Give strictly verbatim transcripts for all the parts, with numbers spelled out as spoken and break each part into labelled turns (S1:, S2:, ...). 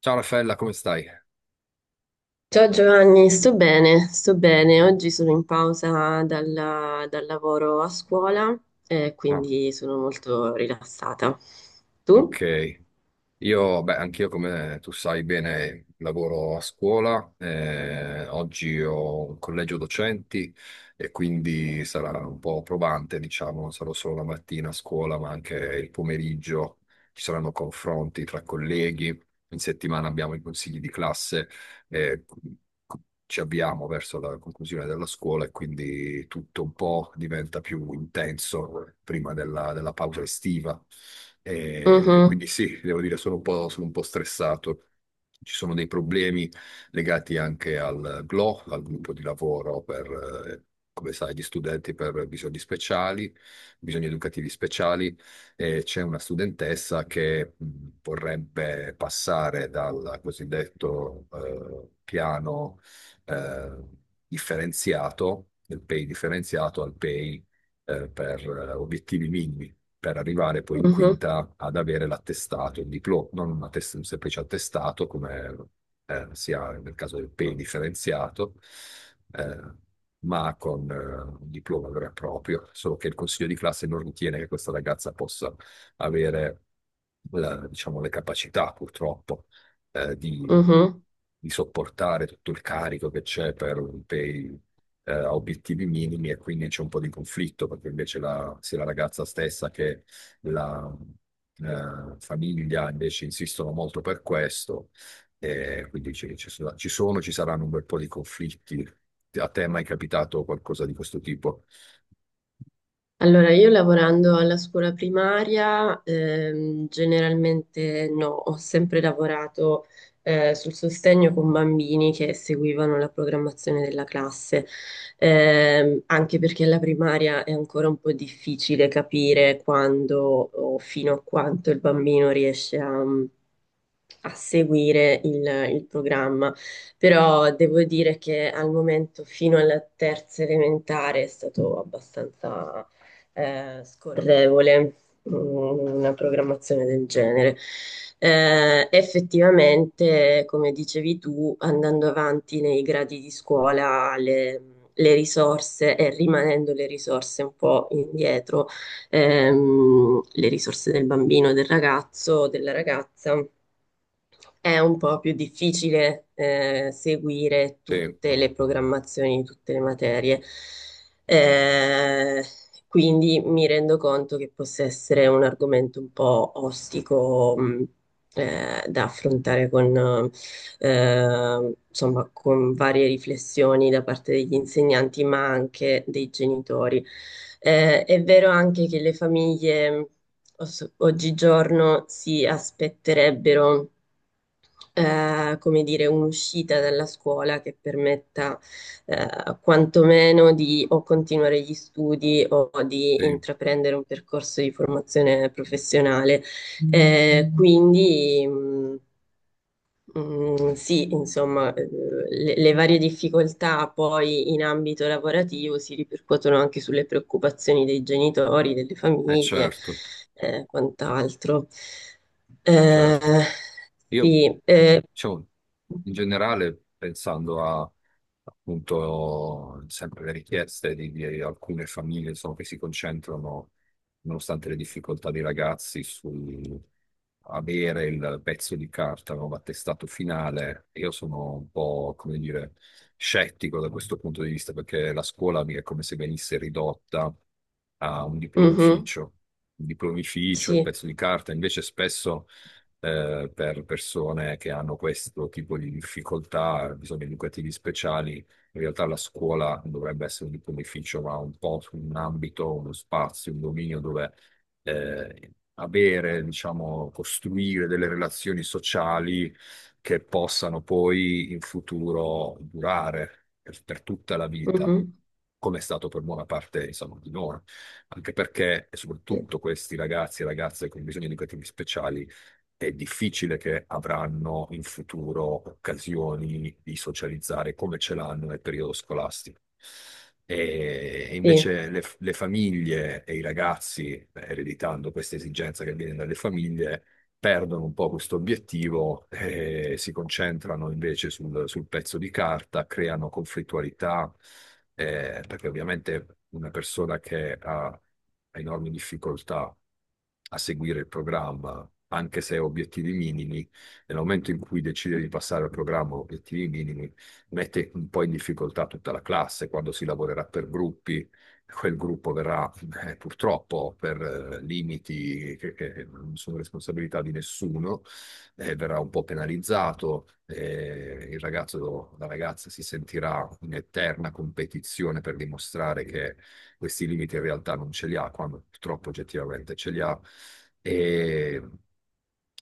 S1: Ciao Raffaella, come stai?
S2: Ciao Giovanni, sto bene, sto bene. Oggi sono in pausa dalla- dal lavoro a scuola e
S1: Ah,
S2: quindi sono molto rilassata. Tu?
S1: ok. Io, beh, anch'io come tu sai bene, lavoro a scuola, eh, oggi ho un collegio docenti e quindi sarà un po' probante, diciamo, non sarò solo la mattina a scuola, ma anche il pomeriggio, ci saranno confronti tra colleghi, in settimana abbiamo i consigli di classe, eh, ci avviamo verso la conclusione della scuola e quindi tutto un po' diventa più intenso prima della, della pausa estiva. E quindi
S2: Mhm.
S1: sì, devo dire, sono un po', sono un po' stressato. Ci sono dei problemi legati anche al G L O, al gruppo di lavoro per, eh, come sai, gli studenti per bisogni speciali, bisogni educativi speciali, e c'è una studentessa che mh, vorrebbe passare dal cosiddetto eh, piano eh, differenziato, del P E I differenziato al P E I eh, per eh, obiettivi minimi, per arrivare poi in
S2: Mhm.
S1: quinta ad avere l'attestato, il diploma, non un, attest- un semplice attestato come eh, sia nel caso del P E I differenziato, eh, ma con eh, un diploma vero e proprio, solo che il consiglio di classe non ritiene che questa ragazza possa avere la- diciamo, le capacità, purtroppo, eh, di,
S2: Mhm.
S1: di sopportare tutto il carico che c'è per un P E I eh, a obiettivi minimi, e quindi c'è un po' di conflitto perché invece la, sia la ragazza stessa che la eh, famiglia invece insistono molto per questo, e quindi ci, ci sono, ci sono, ci saranno un bel po' di conflitti. A te è mai capitato qualcosa di questo tipo?
S2: Allora, io lavorando alla scuola primaria, ehm, generalmente no, ho sempre lavorato eh, sul sostegno con bambini che seguivano la programmazione della classe. Ehm, anche perché alla primaria è ancora un po' difficile capire quando o fino a quanto il bambino riesce a a seguire il, il programma, però devo dire che al momento fino alla terza elementare è stato abbastanza eh, scorrevole, mm, una programmazione del genere. Eh, effettivamente, come dicevi tu, andando avanti nei gradi di scuola, le, le risorse e rimanendo le risorse un po' indietro, ehm, le risorse del bambino, del ragazzo, della ragazza è un po' più difficile eh, seguire
S1: Sì,
S2: tutte le programmazioni di tutte le materie. Eh, quindi mi rendo conto che possa essere un argomento un po' ostico, mh, eh, da affrontare con, eh, insomma, con varie riflessioni da parte degli insegnanti, ma anche dei genitori. Eh, è vero anche che le famiglie os- oggigiorno si aspetterebbero eh, come dire, un'uscita dalla scuola che permetta eh, quantomeno di o continuare gli studi o di
S1: sì,
S2: intraprendere un percorso di formazione professionale. Eh, quindi mh, mh, sì, insomma, eh, le, le varie difficoltà poi in ambito lavorativo si ripercuotono anche sulle preoccupazioni dei genitori, delle
S1: eh
S2: famiglie,
S1: certo,
S2: eh, quant'altro. Eh,
S1: certo. Io,
S2: sì, eh,
S1: diciamo, in generale, pensando a appunto sempre le richieste di, di alcune famiglie, insomma, che si concentrano, nonostante le difficoltà dei ragazzi, su avere il pezzo di carta, no, l'attestato finale, io sono un po', come dire, scettico da questo punto di vista, perché la scuola mi è come se venisse ridotta a un
S2: Mhm.
S1: diplomificio. Un diplomificio, il
S2: Sì.
S1: pezzo di carta, invece spesso eh, per persone che hanno questo tipo di difficoltà, bisogni educativi speciali. In realtà la scuola non dovrebbe essere un beneficio, ma un po' un ambito, uno spazio, un dominio dove eh, avere, diciamo, costruire delle relazioni sociali che possano poi in futuro durare per, per tutta la vita.
S2: Mhm.
S1: Come è stato per buona parte, insomma, di noi, anche perché, e
S2: Sì,
S1: soprattutto questi ragazzi e ragazze con bisogni educativi speciali è difficile che avranno in futuro occasioni di socializzare come ce l'hanno nel periodo scolastico. E
S2: sì.
S1: invece le, le famiglie e i ragazzi, eh, ereditando questa esigenza che viene dalle famiglie, perdono un po' questo obiettivo e si concentrano invece sul, sul pezzo di carta, creano conflittualità, eh, perché ovviamente una persona che ha, ha enormi difficoltà a seguire il programma, anche se ha obiettivi minimi, nel momento in cui decide di passare al programma obiettivi minimi, mette un po' in difficoltà tutta la classe quando si lavorerà per gruppi, quel gruppo verrà eh, purtroppo per eh, limiti che, che non sono responsabilità di nessuno, eh, verrà un po' penalizzato, eh, il ragazzo, la ragazza si sentirà in eterna competizione per dimostrare che questi limiti in realtà non ce li ha, quando purtroppo oggettivamente ce li ha. E,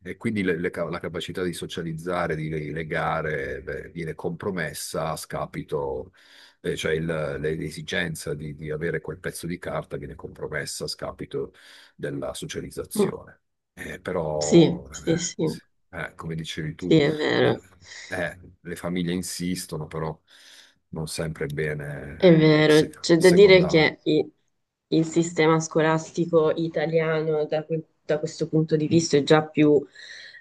S1: e quindi le- le ca- la capacità di socializzare, di legare, beh, viene compromessa a scapito eh, cioè il- le- l'esigenza di, di avere quel pezzo di carta viene compromessa a scapito della
S2: Mm.
S1: socializzazione. Eh,
S2: Sì,
S1: però,
S2: sì,
S1: eh,
S2: sì,
S1: eh, come dicevi tu,
S2: sì, è
S1: le,
S2: vero,
S1: eh, le famiglie insistono, però non sempre è bene
S2: è
S1: se-
S2: vero. C'è da dire
S1: secondarlo.
S2: che i- il sistema scolastico italiano da, que- da questo punto di vista è già più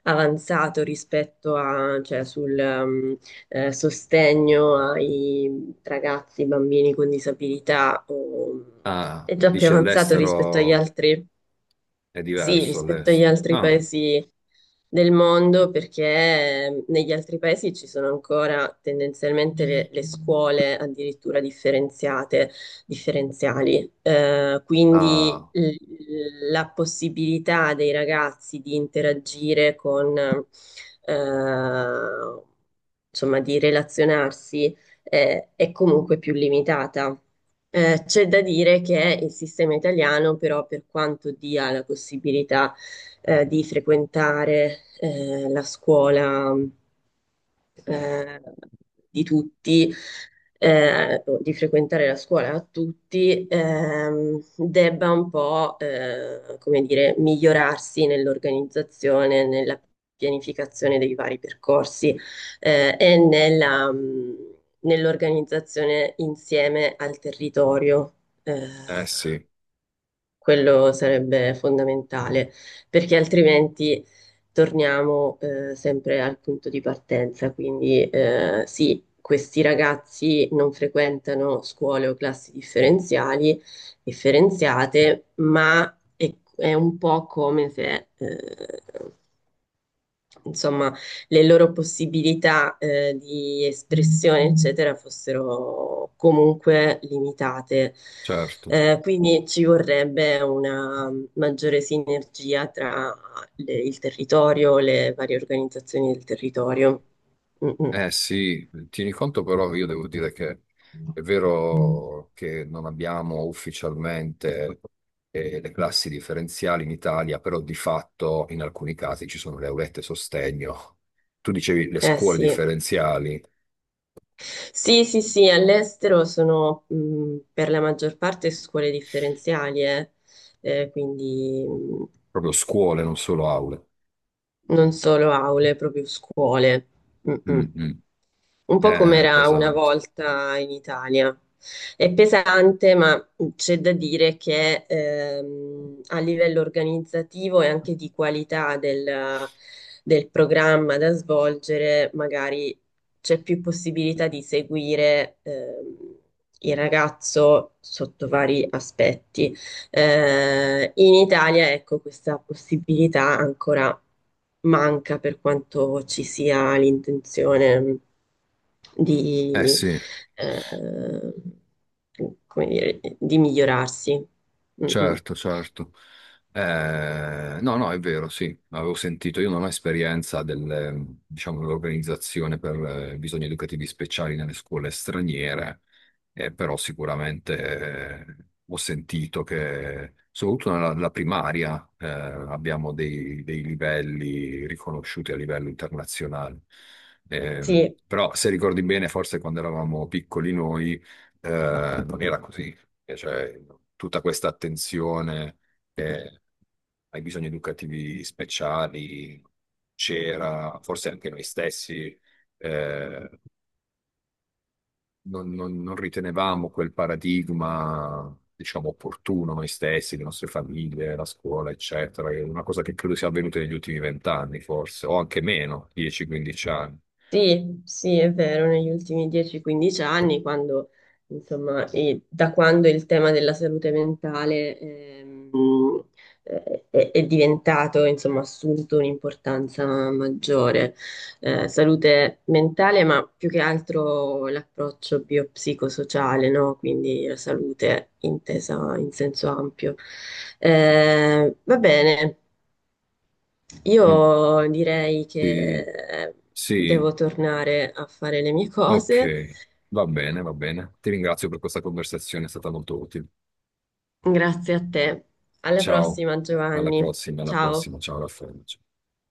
S2: avanzato rispetto a, cioè, sul ehm, eh, sostegno ai ragazzi, bambini con disabilità, o-
S1: Ah,
S2: è già più
S1: dici
S2: avanzato rispetto agli
S1: all'estero
S2: altri,
S1: è
S2: sì,
S1: diverso
S2: rispetto agli
S1: all'estero.
S2: altri
S1: Ah,
S2: paesi del mondo, perché ehm, negli altri paesi ci sono ancora tendenzialmente le, le scuole addirittura differenziate, differenziali. Eh, quindi
S1: ah,
S2: l- la possibilità dei ragazzi di interagire con, eh, insomma, di relazionarsi eh, è comunque più limitata. Eh, c'è da dire che il sistema italiano, però, per quanto dia la possibilità, eh, di frequentare, eh, la scuola, eh, di tutti, eh, o di frequentare la scuola a tutti, ehm, debba un po', eh, come dire, migliorarsi nell'organizzazione, nella pianificazione dei vari percorsi, eh, e nella, mh, nell'organizzazione insieme al territorio. Eh,
S1: eh sì,
S2: Quello sarebbe fondamentale, perché altrimenti torniamo eh, sempre al punto di partenza. Quindi eh, sì, questi ragazzi non frequentano scuole o classi differenziali, differenziate, ma è, è un po' come se eh, insomma, le loro possibilità eh, di espressione, eccetera, fossero comunque limitate.
S1: certo.
S2: Eh, quindi ci vorrebbe una maggiore sinergia tra le- il territorio, le varie organizzazioni del territorio. Mm, mm.
S1: Eh sì, tieni conto però, io devo dire che è vero che non abbiamo ufficialmente eh, le classi differenziali in Italia, però di fatto in alcuni casi ci sono le aulette sostegno. Tu dicevi le
S2: Eh
S1: scuole
S2: sì.
S1: differenziali,
S2: Sì, sì, sì, all'estero sono mh, per la maggior parte scuole differenziali, eh. Eh, quindi mh,
S1: proprio scuole, non solo aule.
S2: non solo aule, proprio scuole.
S1: Mm,
S2: Mm-mm.
S1: mm.
S2: Un po' come
S1: Eh,
S2: era una
S1: pesante.
S2: volta in Italia. È pesante, ma c'è da dire che ehm, a livello organizzativo e anche di qualità del, del programma da svolgere, magari c'è più possibilità di seguire ehm, il ragazzo sotto vari aspetti. Eh, in Italia, ecco, questa possibilità ancora manca per quanto ci sia l'intenzione mm,
S1: Eh
S2: di,
S1: sì.
S2: eh, come dire, di migliorarsi. Mm, mm.
S1: Certo, certo. Eh, no, no, è vero, sì, avevo sentito, io non ho esperienza del, diciamo, dell'organizzazione per eh, bisogni educativi speciali nelle scuole straniere, eh, però sicuramente eh, ho sentito che, soprattutto nella, nella primaria, eh, abbiamo dei, dei livelli riconosciuti a livello internazionale. Eh,
S2: Sì,
S1: però se ricordi bene, forse quando eravamo piccoli noi eh, non era così. E cioè tutta questa attenzione eh, ai bisogni educativi speciali c'era, forse anche noi stessi, eh, non, non- non ritenevamo quel paradigma, diciamo, opportuno noi stessi, le nostre famiglie, la scuola, eccetera. È una cosa che credo sia avvenuta negli ultimi vent'anni, forse, o anche meno, dieci quindici anni.
S2: sì, sì, è vero, negli ultimi dieci a quindici anni, quando, insomma, e da quando il tema della salute mentale ehm, eh, è, è diventato, insomma, assunto un'importanza maggiore. Eh, salute mentale, ma più che altro l'approccio biopsicosociale, no? Quindi la salute intesa in senso ampio. Eh, va bene,
S1: Mm.
S2: io direi che
S1: Sì,
S2: eh,
S1: sì,
S2: devo tornare a fare le mie
S1: ok,
S2: cose.
S1: va bene, va bene. Ti ringrazio per questa conversazione, è stata molto utile.
S2: Grazie a te. Alla
S1: Ciao,
S2: prossima,
S1: alla
S2: Giovanni.
S1: prossima, alla
S2: Ciao.
S1: prossima, ciao Raffaele. Ciao.